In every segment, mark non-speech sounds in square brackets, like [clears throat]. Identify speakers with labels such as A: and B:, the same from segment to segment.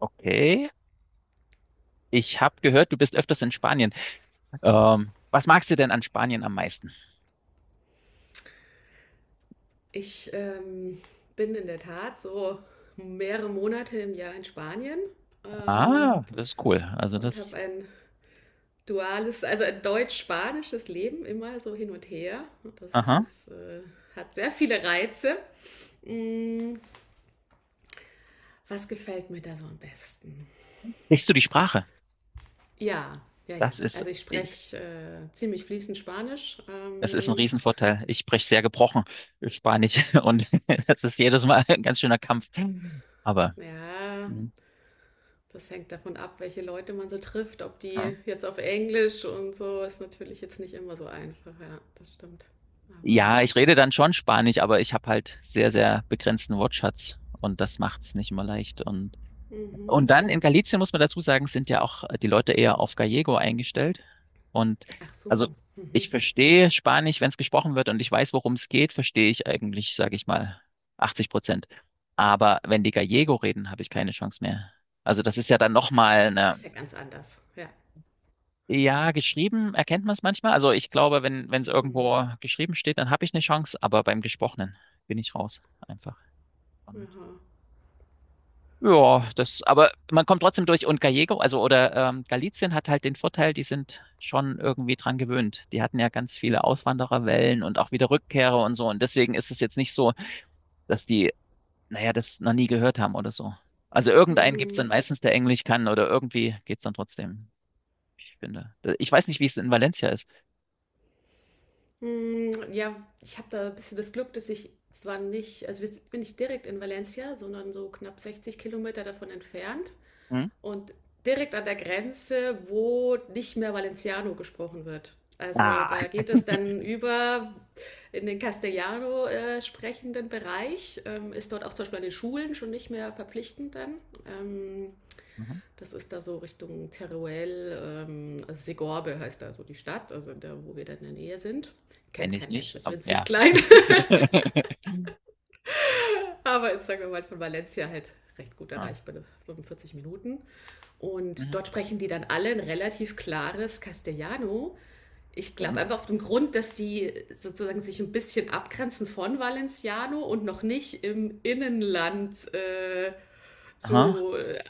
A: Okay. Ich habe gehört, du bist öfters in Spanien. Was magst du denn an Spanien am meisten?
B: Ich bin in der Tat so mehrere Monate im Jahr in Spanien ähm,
A: Ah, das ist cool. Also
B: und habe
A: das,
B: ein duales, also ein deutsch-spanisches Leben, immer so hin und her. Das
A: aha.
B: hat sehr viele Reize. Mm, Was gefällt mir da so am besten?
A: Sprichst du die Sprache?
B: Ja, ja, ja.
A: Das ist,
B: Also ich spreche ziemlich fließend Spanisch.
A: das ist ein Riesenvorteil. Ich spreche sehr gebrochen Spanisch [laughs] und das ist jedes Mal ein ganz schöner Kampf. Aber
B: Ja,
A: mhm.
B: das hängt davon ab, welche Leute man so trifft, ob die jetzt auf Englisch und so, ist natürlich jetzt nicht immer so einfach, ja, das stimmt. Aber,
A: Ja, ich rede dann schon Spanisch, aber ich habe halt sehr, sehr begrenzten Wortschatz und das macht's nicht immer leicht.
B: mhm.
A: Und dann in Galicien muss man dazu sagen, sind ja auch die Leute eher auf Gallego eingestellt. Und
B: Ach
A: also
B: so,
A: ich
B: mhm.
A: verstehe Spanisch, wenn es gesprochen wird und ich weiß, worum es geht, verstehe ich eigentlich, sage ich mal, 80%. Aber wenn die Gallego reden, habe ich keine Chance mehr. Also das ist ja dann nochmal
B: Ist
A: eine,
B: ja ganz anders, ja.
A: ja, geschrieben erkennt man es manchmal. Also ich glaube, wenn es
B: Mhm.
A: irgendwo geschrieben steht, dann habe ich eine Chance, aber beim Gesprochenen bin ich raus einfach. Und
B: Aha.
A: ja, das, aber man kommt trotzdem durch und Gallego, also oder Galicien hat halt den Vorteil, die sind schon irgendwie dran gewöhnt. Die hatten ja ganz viele Auswandererwellen und auch wieder Rückkehrer und so. Und deswegen ist es jetzt nicht so, dass die, naja, das noch nie gehört haben oder so. Also irgendeinen gibt's dann
B: Mhm.
A: meistens, der Englisch kann oder irgendwie geht's dann trotzdem. Ich finde. Ich weiß nicht, wie es in Valencia ist.
B: Ja, ich habe da ein bisschen das Glück, dass ich zwar nicht, also wir bin ich direkt in Valencia, sondern so knapp 60 Kilometer davon entfernt.
A: Hm?
B: Und direkt an der Grenze, wo nicht mehr Valenciano gesprochen wird. Also
A: Ah,
B: da geht es dann über in den Castellano sprechenden Bereich, ist dort auch zum Beispiel an den Schulen schon nicht mehr verpflichtend dann. Ähm,
A: mhm.
B: Das ist da so Richtung Teruel, also Segorbe heißt da so die Stadt, also da, wo wir dann in der Nähe sind. Kennt
A: Kenne ich
B: kein Mensch,
A: nicht.
B: ist
A: Aber,
B: winzig
A: ja.
B: klein,
A: [laughs]
B: [laughs] aber ist, sagen wir mal, von Valencia halt recht gut
A: Ja.
B: erreichbar, 45 Minuten. Und
A: Mhm.
B: dort sprechen die dann alle ein relativ klares Castellano. Ich glaube
A: Ähm,
B: einfach auf dem Grund, dass die sozusagen sich ein bisschen abgrenzen von Valenciano und noch nicht im Innenland
A: aha.
B: so.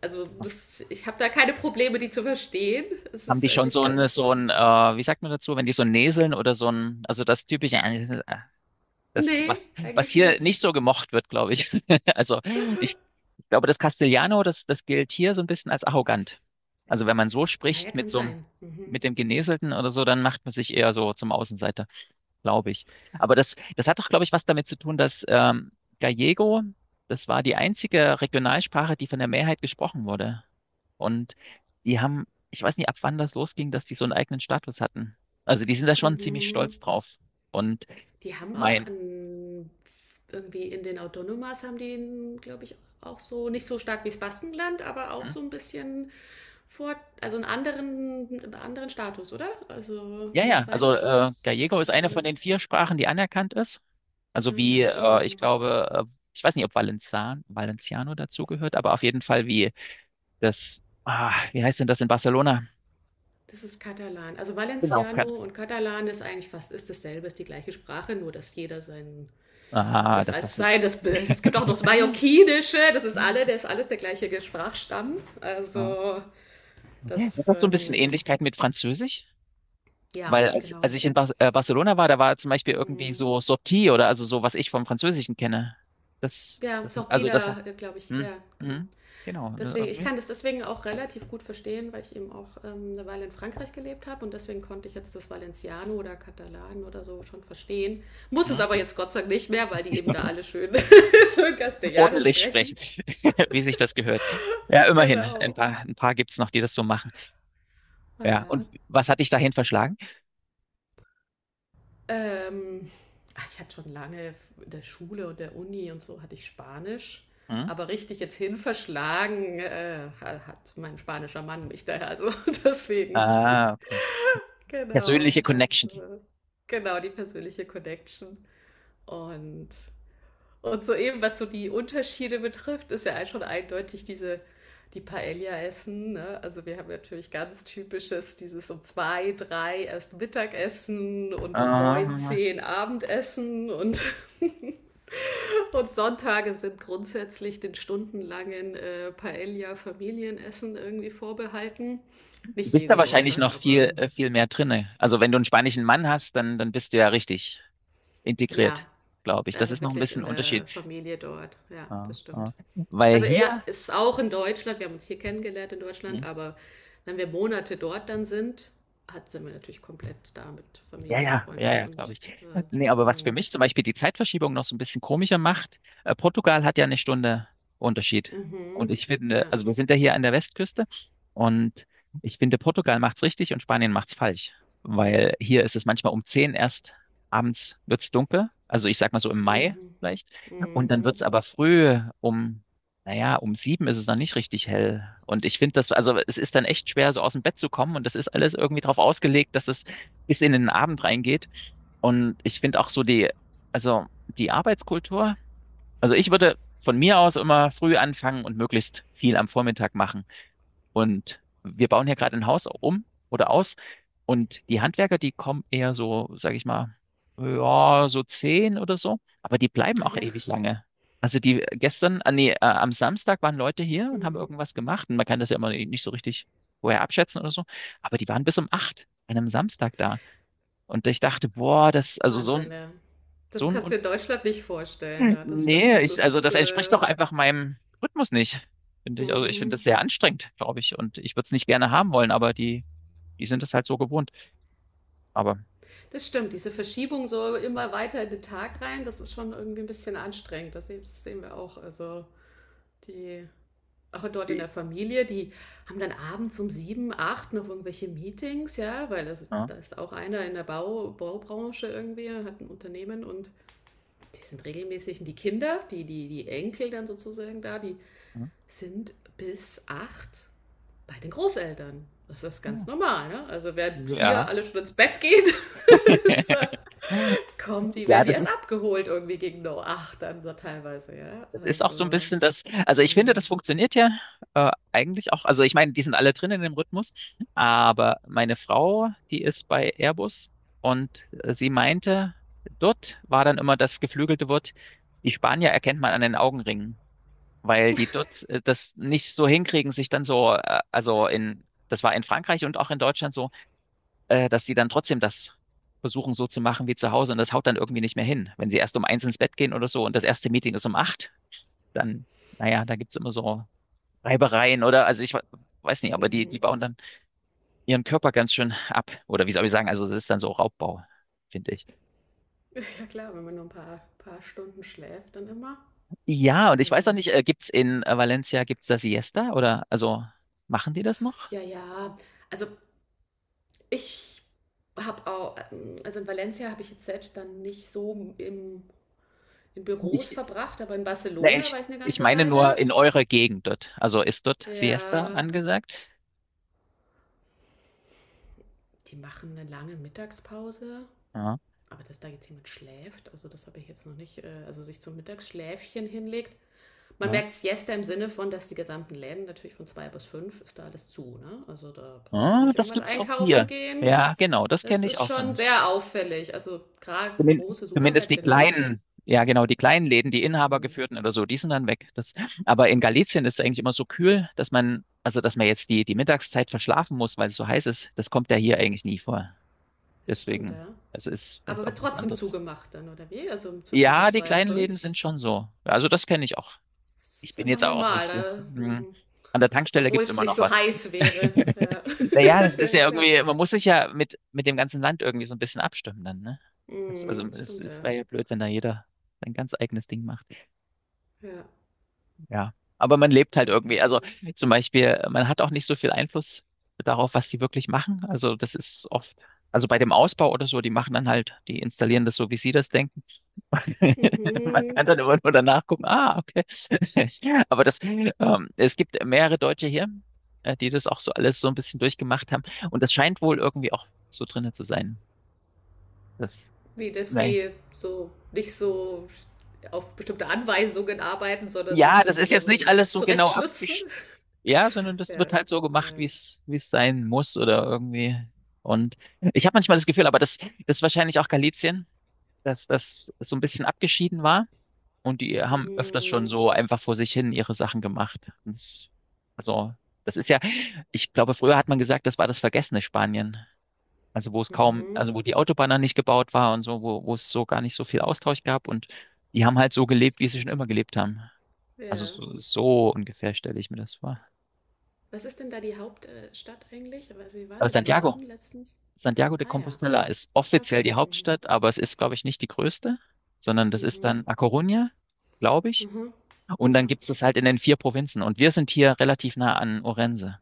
B: Also, das, ich habe da keine Probleme, die zu verstehen. Es
A: Haben
B: ist
A: die schon
B: eigentlich ganz.
A: so ein, wie sagt man dazu, wenn die so näseln oder so ein, also das typische, das,
B: Nee,
A: was, was
B: eigentlich
A: hier
B: nicht.
A: nicht so gemocht wird, glaube ich. [laughs] Also ich, glaube, das Castellano, das, das gilt hier so ein bisschen als arrogant. Also wenn man so
B: Naja,
A: spricht mit
B: kann
A: so einem,
B: sein. Mhm.
A: mit dem Geneselten oder so, dann macht man sich eher so zum Außenseiter glaube ich. Aber das, das hat doch, glaube ich, was damit zu tun, dass Gallego, das war die einzige Regionalsprache, die von der Mehrheit gesprochen wurde. Und die haben, ich weiß nicht, ab wann das losging, dass die so einen eigenen Status hatten. Also die sind da schon ziemlich
B: Mhm.
A: stolz drauf. Und
B: Die haben auch
A: mein,
B: an, irgendwie in den Autonomas haben die, glaube ich, auch so, nicht so stark wie das Baskenland, aber auch
A: hm?
B: so ein bisschen vor, also einen anderen Status, oder? Also
A: Ja,
B: kann
A: ja,
B: das sein?
A: also
B: Das
A: Gallego
B: ist,
A: ist eine von den vier Sprachen, die anerkannt ist. Also
B: ah ja.
A: wie, ich
B: Mhm.
A: glaube, ich weiß nicht, ob Valenzan, Valenciano dazugehört, aber auf jeden Fall wie das, ah, wie heißt denn das in Barcelona?
B: Das ist Katalan. Also
A: Genau.
B: Valenciano und Katalan ist eigentlich fast ist dasselbe, ist die gleiche Sprache, nur dass jeder sein
A: Ah,
B: das
A: dass
B: als
A: das,
B: sein. Das, es gibt auch noch das Mallorquinische, das ist alle,
A: so,
B: der ist alles der gleiche Sprachstamm.
A: ah,
B: Also
A: okay. Hat
B: das
A: das so ein bisschen Ähnlichkeit mit Französisch?
B: ja,
A: Weil als, als
B: genau.
A: ich in Bar Barcelona war, da war zum Beispiel irgendwie
B: Mhm.
A: so Sortie oder also so, was ich vom Französischen kenne. Das,
B: Ja, ist
A: das,
B: auch
A: also das hat,
B: Tida, glaube ich.
A: hm,
B: Ja, genau.
A: hm, genau, ne,
B: Deswegen, ich
A: irgendwie,
B: kann das deswegen auch relativ gut verstehen, weil ich eben auch eine Weile in Frankreich gelebt habe und deswegen konnte ich jetzt das Valenciano oder Katalan oder so schon verstehen. Muss es
A: hm,
B: aber jetzt Gott sei Dank nicht mehr, weil die eben da alle schön, [laughs] schön Castellano
A: ordentlich
B: sprechen.
A: sprechen, [laughs] wie sich das gehört. Ja, immerhin,
B: Genau.
A: ein paar gibt's noch, die das so machen. Ja,
B: Naja,
A: und was hat dich dahin verschlagen?
B: Ähm, ach, ich hatte schon lange in der Schule und der Uni und so hatte ich Spanisch.
A: Hm?
B: Aber richtig jetzt hin verschlagen hat mein spanischer Mann mich daher. Also [laughs] deswegen.
A: Ah, okay.
B: Genau.
A: Persönliche Connection.
B: Also, genau, die persönliche Connection. Und und soeben, was so die Unterschiede betrifft, ist ja schon eindeutig diese, die Paella essen. Ne? Also wir haben natürlich ganz typisches, dieses um zwei, drei erst Mittagessen und um neun,
A: Ah,
B: zehn Abendessen und, [laughs] und Sonntage sind grundsätzlich den stundenlangen Paella-Familienessen irgendwie vorbehalten.
A: du
B: Nicht
A: bist da
B: jeder
A: wahrscheinlich
B: Sonntag,
A: noch
B: aber
A: viel, viel mehr drinne. Also wenn du einen spanischen Mann hast, dann, dann bist du ja richtig
B: ja,
A: integriert, glaube ich. Das
B: also
A: ist noch ein
B: wirklich
A: bisschen
B: in
A: ein Unterschied.
B: der Familie dort. Ja,
A: Ja,
B: das
A: ja.
B: stimmt.
A: Weil
B: Also er
A: hier,
B: ist auch in Deutschland, wir haben uns hier kennengelernt in Deutschland,
A: hm,
B: aber wenn wir Monate dort dann sind, sind wir natürlich komplett da mit
A: ja,
B: Familien,
A: ja, ja,
B: Freunden
A: ja, glaube
B: und
A: ich. Nee, aber
B: äh,
A: was für
B: mhm.
A: mich zum Beispiel die Zeitverschiebung noch so ein bisschen komischer macht, Portugal hat ja eine Stunde Unterschied. Und
B: Mhm.
A: ich finde,
B: Ja.
A: also wir sind ja hier an der Westküste und ich finde, Portugal macht's richtig und Spanien macht's falsch. Weil hier ist es manchmal um 10 erst abends wird's dunkel. Also ich sag mal so im Mai
B: Mhm.
A: vielleicht. Und dann wird's
B: Mhm.
A: aber früh um, naja, um sieben ist es noch nicht richtig hell. Und ich finde das, also es ist dann echt schwer, so aus dem Bett zu kommen und das ist alles irgendwie darauf ausgelegt, dass es bis in den Abend reingeht. Und ich finde auch so die, also die Arbeitskultur, also ich würde von mir aus immer früh anfangen und möglichst viel am Vormittag machen. Und wir bauen hier gerade ein Haus um oder aus. Und die Handwerker, die kommen eher so, sage ich mal, ja, so zehn oder so. Aber die bleiben auch
B: Ja.
A: ewig lange. Also die gestern, ah, nee, am Samstag waren Leute hier und haben
B: Mhm.
A: irgendwas gemacht. Und man kann das ja immer nicht so richtig vorher abschätzen oder so. Aber die waren bis um acht an einem Samstag da. Und ich dachte, boah, das, also
B: Wahnsinn, ja. Das
A: so ein,
B: kannst du in Deutschland nicht vorstellen, ja, das stimmt.
A: Nee,
B: Das
A: ich, also
B: ist,
A: das entspricht doch einfach meinem Rhythmus nicht, finde ich. Also ich finde das
B: mhm.
A: sehr anstrengend, glaube ich. Und ich würde es nicht gerne haben wollen, aber die, die sind es halt so gewohnt. Aber,
B: Das stimmt. Diese Verschiebung so immer weiter in den Tag rein, das ist schon irgendwie ein bisschen anstrengend. Das sehen wir auch. Also die auch dort in der Familie, die haben dann abends um sieben, acht noch irgendwelche Meetings, ja, weil das,
A: ja,
B: da ist auch einer in der Baubranche irgendwie, hat ein Unternehmen und die sind regelmäßig, und die Kinder, die Enkel dann sozusagen da, die
A: ja.
B: sind bis acht bei den Großeltern. Das ist ganz normal, ne? Also wer hier
A: Ja,
B: alle schon ins Bett geht, [laughs] ist,
A: [laughs]
B: kommt, die
A: ja,
B: werden die
A: das
B: erst
A: ist,
B: abgeholt irgendwie gegen acht dann so teilweise, ja.
A: das ist auch so ein
B: Also.
A: bisschen das, also ich finde,
B: Mh.
A: das funktioniert ja eigentlich auch. Also ich meine, die sind alle drin in dem Rhythmus, aber meine Frau, die ist bei Airbus und sie meinte, dort war dann immer das geflügelte Wort, die Spanier erkennt man an den Augenringen, weil die dort das nicht so hinkriegen, sich dann so, also in, das war in Frankreich und auch in Deutschland so, dass sie dann trotzdem das versuchen so zu machen wie zu Hause und das haut dann irgendwie nicht mehr hin, wenn sie erst um eins ins Bett gehen oder so und das erste Meeting ist um acht dann, naja, da gibt's immer so Reibereien oder, also ich weiß nicht, aber die, die
B: Mhm.
A: bauen dann ihren Körper ganz schön ab. Oder wie soll ich sagen, also es ist dann so Raubbau, finde ich.
B: [laughs] Ja klar, wenn man nur ein paar, paar Stunden schläft, dann immer.
A: Ja, und ich
B: Also,
A: weiß auch nicht, gibt's in Valencia, gibt's da Siesta oder, also machen die das noch?
B: ja, ja. Also ich habe auch, also in Valencia habe ich jetzt selbst dann nicht so in
A: Ich,
B: Büros verbracht, aber in
A: ne,
B: Barcelona
A: ich,
B: war ich eine
A: ich
B: ganze
A: meine
B: Weile.
A: nur in eurer Gegend dort. Also ist dort Siesta
B: Ja,
A: angesagt?
B: die machen eine lange Mittagspause.
A: Ja,
B: Aber dass da jetzt jemand schläft, also das habe ich jetzt noch nicht, also sich zum Mittagsschläfchen hinlegt. Man
A: ja.
B: merkt Siesta im Sinne von, dass die gesamten Läden natürlich von zwei bis fünf ist da alles zu, ne? Also da brauchst du
A: Ah,
B: nicht
A: das
B: irgendwas
A: gibt's auch
B: einkaufen
A: hier.
B: gehen.
A: Ja, genau, das
B: Das
A: kenne ich
B: ist
A: auch so.
B: schon sehr auffällig. Also gerade
A: Zumin-
B: große
A: Zumindest die
B: Supermärkte nicht.
A: kleinen, ja genau, die kleinen Läden, die
B: Mhm.
A: inhabergeführten oder so, die sind dann weg. Das, aber in Galicien ist es eigentlich immer so kühl, dass man, also dass man jetzt die, die Mittagszeit verschlafen muss, weil es so heiß ist. Das kommt ja hier eigentlich nie vor.
B: Das stimmt,
A: Deswegen,
B: ja.
A: also ist
B: Aber
A: vielleicht
B: wird
A: auch was
B: trotzdem
A: anderes.
B: zugemacht dann, oder wie? Also zwischen so
A: Ja, die
B: zwei und
A: kleinen Läden
B: fünf.
A: sind schon so. Also das kenne ich auch.
B: Das
A: Ich
B: ist
A: bin
B: einfach
A: jetzt auch
B: normal,
A: nicht so.
B: da,
A: Hm,
B: mhm.
A: an der Tankstelle
B: Obwohl
A: gibt's
B: es
A: immer
B: nicht
A: noch
B: so
A: was.
B: heiß wäre.
A: [laughs]
B: Ja,
A: Naja, das
B: [laughs]
A: ist
B: ja
A: ja
B: klar.
A: irgendwie, man muss sich ja mit dem ganzen Land irgendwie so ein bisschen abstimmen dann, ne? Das, also
B: Mhm,
A: es,
B: stimmt,
A: es
B: ja.
A: wäre ja blöd, wenn da jeder sein ganz eigenes Ding macht.
B: Ja.
A: Ja. Aber man lebt halt irgendwie. Also
B: Mhm.
A: zum Beispiel, man hat auch nicht so viel Einfluss darauf, was die wirklich machen. Also das ist oft, also bei dem Ausbau oder so, die machen dann halt, die installieren das so, wie sie das denken. [laughs] Man
B: Mhm.
A: kann dann immer nur danach gucken, ah, okay. [laughs] Aber das, es gibt mehrere Deutsche hier, die das auch so alles so ein bisschen durchgemacht haben. Und das scheint wohl irgendwie auch so drinne zu sein. Das,
B: Wie, dass
A: nein.
B: die so nicht so auf bestimmte Anweisungen arbeiten, sondern sich
A: Ja, das
B: das
A: ist
B: immer
A: jetzt
B: so
A: nicht alles
B: selbst
A: so genau
B: zurechtschnitzen. [laughs]
A: ja, sondern das
B: Ja.
A: wird halt so gemacht,
B: Ja.
A: wie es sein muss oder irgendwie. Und ich habe manchmal das Gefühl, aber das, das ist wahrscheinlich auch Galizien, dass das so ein bisschen abgeschieden war. Und die haben öfters schon
B: Mhm.
A: so einfach vor sich hin ihre Sachen gemacht. Also, das ist ja, ich glaube, früher hat man gesagt, das war das vergessene Spanien. Also, wo es kaum,
B: Mhm.
A: also wo die Autobahn dann nicht gebaut war und so, wo, wo es so gar nicht so viel Austausch gab. Und die haben halt so gelebt,
B: Das
A: wie sie schon
B: klingt.
A: immer gelebt haben. Also,
B: Ja.
A: so, so ungefähr stelle ich mir das vor.
B: Was ist denn da die Hauptstadt eigentlich? Also wie war
A: Aber
B: der
A: Santiago,
B: Norden letztens?
A: Santiago de
B: Ah ja,
A: Compostela ist offiziell
B: okay.
A: die
B: Mhm.
A: Hauptstadt, aber es ist, glaube ich, nicht die größte, sondern das ist
B: Mhm.
A: dann A Coruña, glaube ich.
B: Mhm.
A: Und dann
B: Ja.
A: gibt es das halt in den vier Provinzen. Und wir sind hier relativ nah an Orense,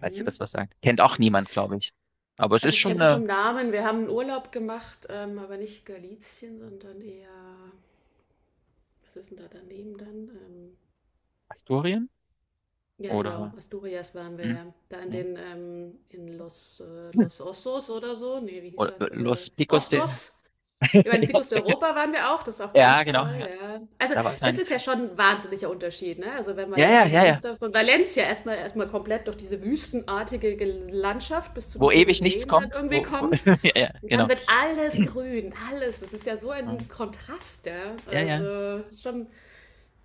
A: falls ihr das was sagt. Kennt auch
B: Ja.
A: niemand, glaube ich. Aber es
B: Also
A: ist
B: ich kenne
A: schon
B: so
A: eine
B: vom Namen, wir haben einen Urlaub gemacht, aber nicht Galizien, sondern eher, was ist denn da daneben dann?
A: Asturien
B: Ja, genau,
A: oder,
B: Asturias waren wir
A: hm,
B: ja. Da in
A: hm,
B: den, in Los Osos oder so. Nee, wie hieß
A: oder
B: das?
A: Los Picos de.
B: Oscos. Über den Picus
A: [laughs]
B: Europa waren wir auch, das ist auch
A: Ja,
B: ganz
A: genau.
B: toll,
A: Ja,
B: ja. Also,
A: da war ich
B: das
A: eigentlich.
B: ist ja schon ein wahnsinniger Unterschied, ne? Also, wenn man
A: Ja,
B: jetzt
A: ja,
B: von
A: ja,
B: uns,
A: ja.
B: da, von Valencia erstmal, komplett durch diese wüstenartige Landschaft bis zu den
A: Wo ewig nichts
B: Pyrenäen dann
A: kommt.
B: irgendwie
A: Wo, wo, [laughs]
B: kommt,
A: ja, ja, genau.
B: dann wird alles grün, alles. Das ist ja so ein
A: [clears throat]
B: Kontrast, ja.
A: Ja, ja.
B: Also, ist schon,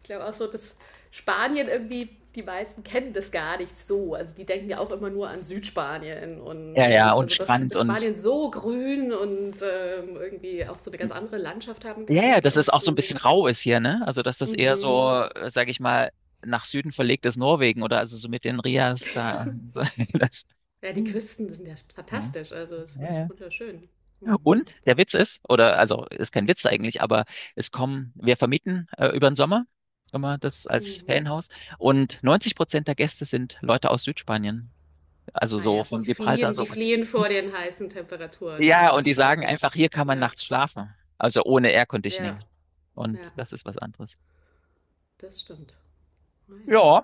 B: ich glaube auch so, dass Spanien irgendwie, die meisten kennen das gar nicht so. Also die denken ja auch immer nur an Südspanien
A: Ja, ja.
B: und
A: Und
B: also dass,
A: Strand
B: dass
A: und.
B: Spanien so grün und irgendwie auch so eine ganz andere Landschaft haben
A: Ja,
B: kann,
A: ja,
B: ist
A: dass
B: glaube
A: es
B: ich
A: auch so ein bisschen
B: so.
A: rau ist hier, ne? Also, dass das eher
B: Mhm.
A: so, sage ich mal, nach Süden verlegt ist Norwegen oder also so mit den Rias da. [laughs] Das,
B: Ja, die Küsten die sind ja
A: mhm,
B: fantastisch, also es ist
A: ja,
B: echt
A: ja.
B: wunderschön. Mhm.
A: Und der Witz ist, oder also ist kein Witz eigentlich, aber es kommen, wir vermieten über den Sommer immer das als
B: Mhm.
A: Ferienhaus und 90% der Gäste sind Leute aus Südspanien, also so
B: Naja,
A: von Gibraltar
B: die
A: so.
B: fliehen vor den heißen Temperaturen, ja,
A: Ja, und
B: das
A: die
B: glaube
A: sagen
B: ich.
A: einfach, hier kann man
B: Ja,
A: nachts schlafen, also ohne Air
B: ja,
A: Conditioning. Und
B: ja,
A: das ist was anderes.
B: das stimmt. Naja.
A: Ja.